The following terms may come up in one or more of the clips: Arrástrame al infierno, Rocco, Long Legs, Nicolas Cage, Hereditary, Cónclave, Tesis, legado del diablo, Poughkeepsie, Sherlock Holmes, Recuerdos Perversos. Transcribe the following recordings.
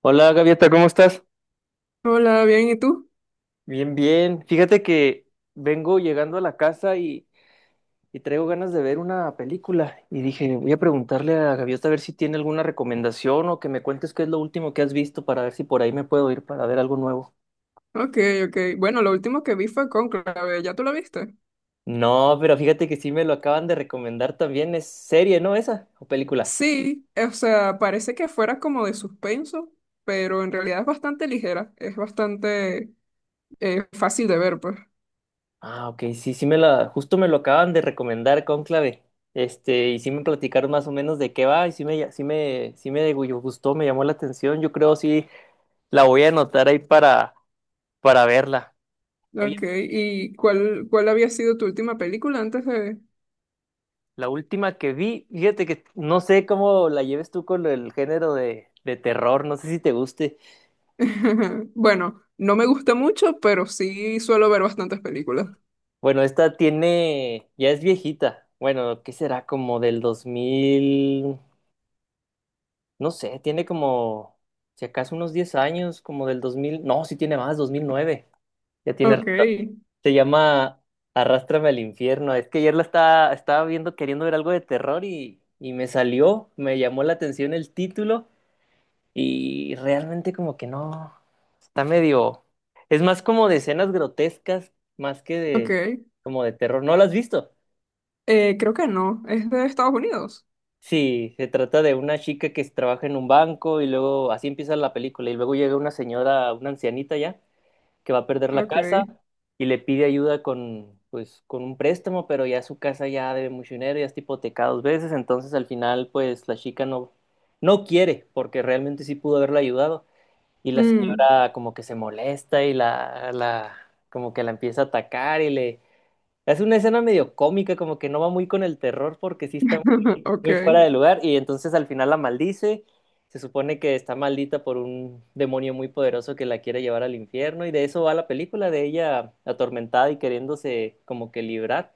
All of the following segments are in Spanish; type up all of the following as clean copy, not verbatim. Hola Gaviota, ¿cómo estás? Hola, bien, ¿y tú? Bien, bien. Fíjate que vengo llegando a la casa y traigo ganas de ver una película. Y dije, voy a preguntarle a Gaviota a ver si tiene alguna recomendación o que me cuentes qué es lo último que has visto para ver si por ahí me puedo ir para ver algo nuevo. Ok, ok. Bueno, lo último que vi fue Cónclave, ¿ya tú lo viste? No, pero fíjate que sí me lo acaban de recomendar también. Es serie, ¿no? ¿Esa? ¿O película? Sí, o sea, parece que fuera como de suspenso, pero en realidad es bastante ligera, es bastante fácil de ver, pues. Ah, ok, sí, justo me lo acaban de recomendar Cónclave. Este, y sí me platicaron más o menos de qué va, y sí me gustó, me llamó la atención. Yo creo sí. La voy a anotar ahí para verla. Oye, Ok, ¿y cuál había sido tu última película antes de...? la última que vi, fíjate que no sé cómo la lleves tú con el género de terror, no sé si te guste. Bueno, no me gusta mucho, pero sí suelo ver bastantes películas. Bueno, esta tiene, ya es viejita. Bueno, ¿qué será? ¿Como del 2000? No sé, tiene como, si acaso unos 10 años, como del 2000. No, sí tiene más, 2009. Ya tiene Ok, rato. Se llama Arrástrame al infierno. Es que ayer estaba viendo, queriendo ver algo de terror y me salió, me llamó la atención el título y realmente como que no, está medio... Es más como de escenas grotescas, más que ok. de como de terror. ¿No lo has visto? Creo que no, es de Estados Unidos. Sí, se trata de una chica que trabaja en un banco y luego así empieza la película y luego llega una señora, una ancianita ya, que va a perder la Ok. casa y le pide ayuda con, pues, con un préstamo, pero ya su casa ya debe mucho dinero, ya está hipotecada dos veces, entonces al final, pues, la chica no, no quiere, porque realmente sí pudo haberla ayudado, y la Mm. señora como que se molesta y como que la empieza a atacar y le es una escena medio cómica, como que no va muy con el terror porque sí está Ok. muy fuera de lugar y entonces al final la maldice. Se supone que está maldita por un demonio muy poderoso que la quiere llevar al infierno y de eso va la película, de ella atormentada y queriéndose como que librar,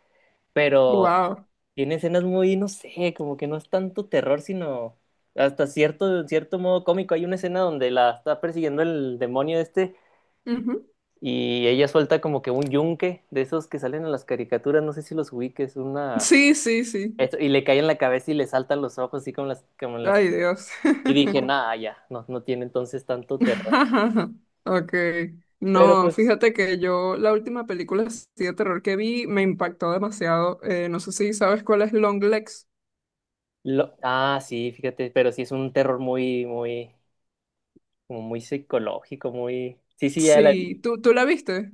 pero Wow. tiene escenas muy, no sé, como que no es tanto terror, sino en cierto modo cómico. Hay una escena donde la está persiguiendo el demonio este Ujú. y ella suelta como que un yunque de esos que salen en las caricaturas, no sé si los ubiques, una... Sí, sí, sí. Y le cae en la cabeza y le saltan los ojos, así como en las... Ay, Dios. Y dije, nada, ya, no, no tiene entonces tanto terror. Ok. Pero No, pues... fíjate que yo la última película así de terror que vi me impactó demasiado. No sé si sabes cuál es Long Legs. Lo... Ah, sí, fíjate, pero sí es un terror como muy psicológico, muy... Sí, sí, ya la Sí, vi. ¿tú la viste?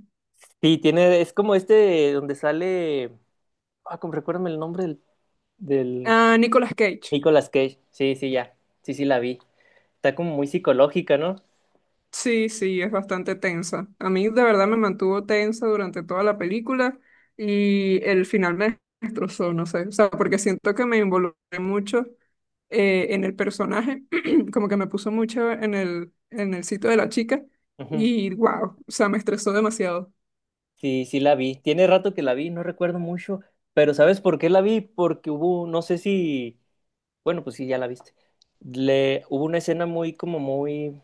Sí, tiene, es como este donde sale... Ah, como recuérdame el nombre del... Ah, Nicolas Cage. Nicolas Cage. Sí, sí, ya. Sí, sí, la vi. Está como muy psicológica, ¿no? Sí, sí, es bastante tensa. A mí de verdad me mantuvo tensa durante toda la película y el final me destrozó, no sé. O sea, porque siento que me involucré mucho en el personaje, como que me puso mucho en el sitio de la chica Ujú. y wow, o sea, me estresó demasiado. Sí, sí la vi. Tiene rato que la vi, no recuerdo mucho, pero ¿sabes por qué la vi? Porque hubo, no sé si, bueno, pues sí, ya la viste. Le, hubo una escena muy, como muy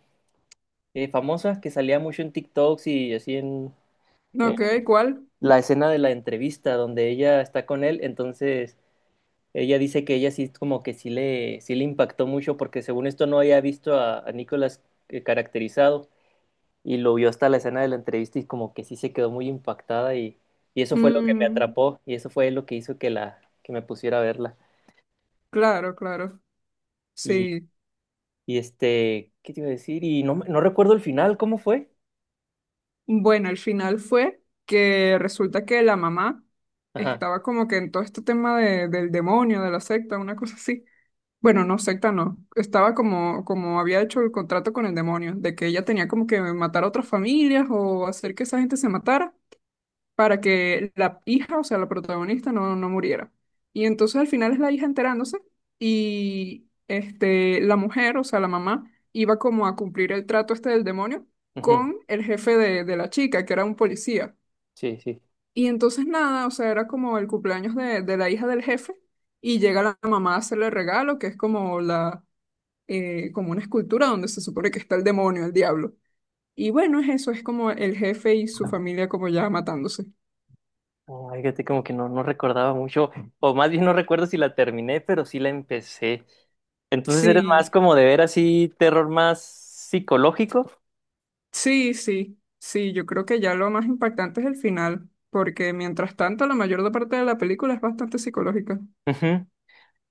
famosa que salía mucho en TikToks y así No, en ok, ¿cuál? la escena de la entrevista donde ella está con él, entonces ella dice que ella sí, como que sí le impactó mucho porque según esto no había visto a Nicolas caracterizado, y lo vio hasta la escena de la entrevista y como que sí se quedó muy impactada y eso fue lo que me Mm, atrapó y eso fue lo que hizo que la que me pusiera a verla. claro, claro, Y, sí. y este, ¿qué te iba a decir? Y no, no recuerdo el final, ¿cómo fue? Bueno, el final fue que resulta que la mamá Ajá. estaba como que en todo este tema del demonio, de la secta, una cosa así. Bueno, no, secta no. Estaba como, como había hecho el contrato con el demonio, de que ella tenía como que matar a otras familias o hacer que esa gente se matara para que la hija, o sea, la protagonista, no, no muriera. Y entonces al final es la hija enterándose y este, la mujer, o sea, la mamá, iba como a cumplir el trato este del demonio Ujú. con el jefe de la chica, que era un policía. Sí, sí. Y entonces nada, o sea, era como el cumpleaños de la hija del jefe y llega la mamá a hacerle el regalo, que es como la, como una escultura donde se supone que está el demonio, el diablo. Y bueno, es eso, es como el jefe y su familia como ya matándose. Ay, fíjate, como que no, no recordaba mucho, o más bien no recuerdo si la terminé, pero sí la empecé. Entonces eres más Sí, como de ver así terror más psicológico. sí, sí, sí, yo creo que ya lo más impactante es el final, porque mientras tanto la mayor parte de la película es bastante psicológica. Ujú.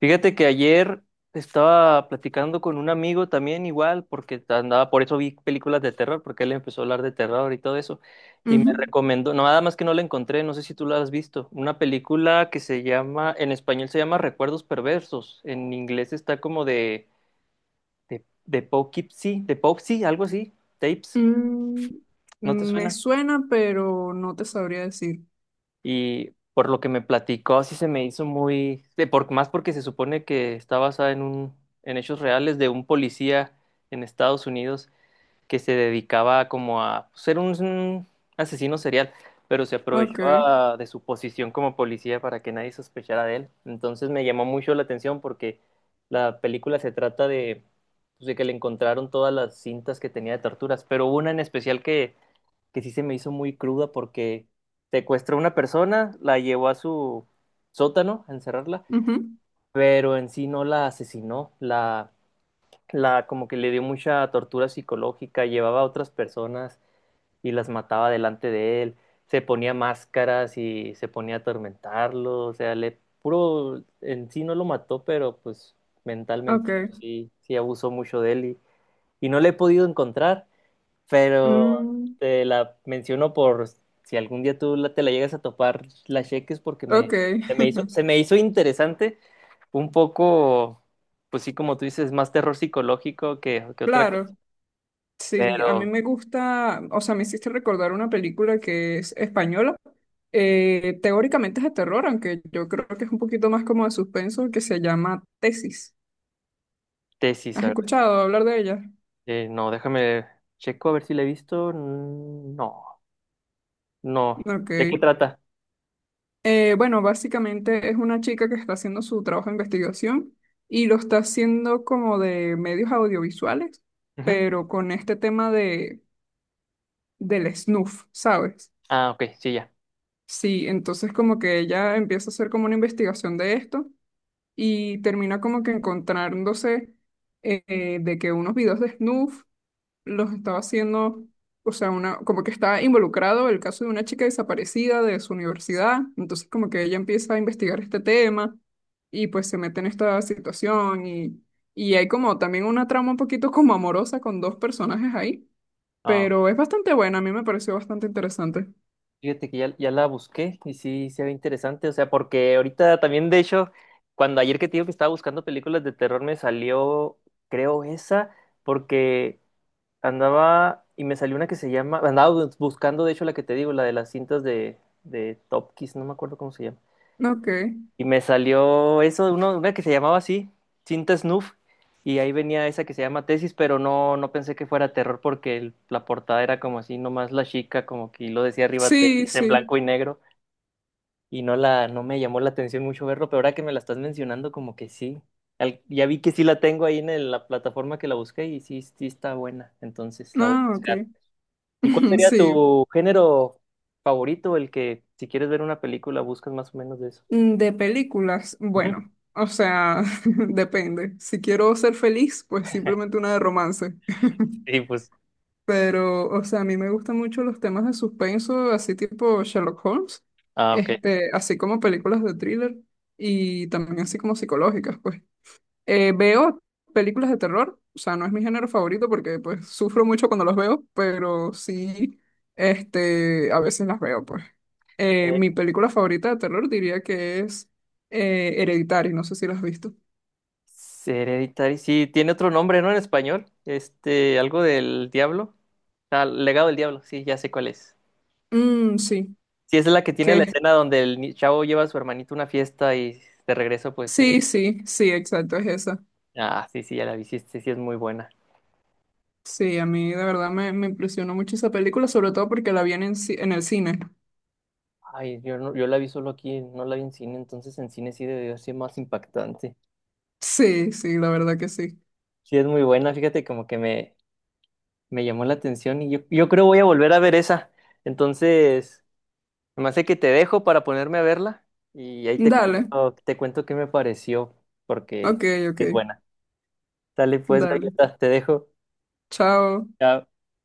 Fíjate que ayer estaba platicando con un amigo también igual, porque andaba, por eso vi películas de terror, porque él empezó a hablar de terror y todo eso, y me Ujú. recomendó, no, nada más que no la encontré, no sé si tú la has visto, una película que se llama, en español se llama Recuerdos Perversos, en inglés está como de Poughkeepsie, algo así, tapes, Mm, ¿no te me suena? suena, pero no te sabría decir. Y por lo que me platicó, sí se me hizo muy, de por, más porque se supone que está basada en en hechos reales de un policía en Estados Unidos que se dedicaba como a ser un asesino serial, pero se Ok, aprovechaba de su posición como policía para que nadie sospechara de él. Entonces me llamó mucho la atención porque la película se trata de, pues, de que le encontraron todas las cintas que tenía de torturas, pero hubo una en especial que sí se me hizo muy cruda porque secuestró a una persona, la llevó a su sótano a encerrarla, ujú, pero en sí no la asesinó, la como que le dio mucha tortura psicológica, llevaba a otras personas y las mataba delante de él, se ponía máscaras y se ponía a atormentarlo, o sea, le puro, en sí no lo mató, pero pues ok, mentalmente pues, sí, sí abusó mucho de él y no le he podido encontrar pero mm, te la menciono por si algún día te la llegas a topar, la cheques porque me, ok, se me hizo interesante, un poco, pues sí, como tú dices, más terror psicológico que otra cosa, claro. Sí, a mí pero me gusta, o sea, me hiciste recordar una película que es española. Teóricamente es de terror, aunque yo creo que es un poquito más como de suspenso, que se llama Tesis. Tesis, ¿Has a ver, escuchado hablar de ella? No, déjame, checo a ver si la he visto, no, no, Ok. ¿de qué trata? Bueno, básicamente es una chica que está haciendo su trabajo de investigación y lo está haciendo como de medios audiovisuales, Ujú. pero con este tema del snuff, ¿sabes? Ah, ok, sí, ya. Sí, entonces como que ella empieza a hacer como una investigación de esto y termina como que encontrándose de que unos videos de snuff los estaba haciendo, o sea, una, como que está involucrado el caso de una chica desaparecida de su universidad, entonces como que ella empieza a investigar este tema y pues se mete en esta situación y hay como también una trama un poquito como amorosa con dos personajes ahí, Ah, pero es bastante buena, a mí me pareció bastante interesante. fíjate que ya, ya la busqué y sí se ve interesante, o sea, porque ahorita también, de hecho, cuando ayer que te digo que estaba buscando películas de terror, me salió, creo, esa, porque andaba y me salió una que se llama, buscando, de hecho, la que te digo, la de las cintas de Top Kiss, no me acuerdo cómo se llama, Ok, y me salió eso, uno, una que se llamaba así, cinta Snuff, y ahí venía esa que se llama Tesis, pero no, no pensé que fuera terror porque la portada era como así, nomás la chica, como que lo decía arriba sí, Tesis en sí, blanco y negro y no la, no me llamó la atención mucho verlo, pero ahora que me la estás mencionando, como que sí. Ya vi que sí la tengo ahí en la plataforma que la busqué y sí, sí está buena, entonces la voy a ah, ok, buscar. ¿Y cuál sería sí. tu género favorito, el que si quieres ver una película buscas más o menos de eso? Mm, de películas, Ujú. bueno, o sea, depende. Si quiero ser feliz, pues simplemente una de romance. Sí, pues. Pero, o sea, a mí me gustan mucho los temas de suspenso, así tipo Sherlock Holmes, Ah, ok. este, así como películas de thriller y también así como psicológicas, pues. Veo películas de terror, o sea, no es mi género favorito porque pues sufro mucho cuando los veo, pero sí, este, a veces las veo, pues. Eh, Mi película favorita de terror diría que es Hereditary, no sé si la has visto. Hereditary, sí, tiene otro nombre, ¿no? En español, este, algo del diablo. Ah, legado del diablo, sí, ya sé cuál es. Mm, sí, Sí, esa es la que tiene la que escena donde el ni- chavo lleva a su hermanito a una fiesta y de regreso, pues, sí, sí, sí, exacto, es esa. ah, sí, sí, ya la vi. Sí, sí, sí es muy buena. Sí, a mí de verdad me, me impresionó mucho esa película, sobre todo porque la vi en, el en el cine. Ay, no, yo la vi solo aquí, no la vi en cine, entonces en cine sí debió ser más impactante. Sí, sí, la verdad que sí. Sí, es muy buena, fíjate, como que me llamó la atención y yo creo voy a volver a ver esa. Entonces, me hace que te dejo para ponerme a verla y ahí Dale, te cuento qué me pareció, porque ok, ok, es buena. Dale pues, dale. galleta, te dejo. Chao. Chao.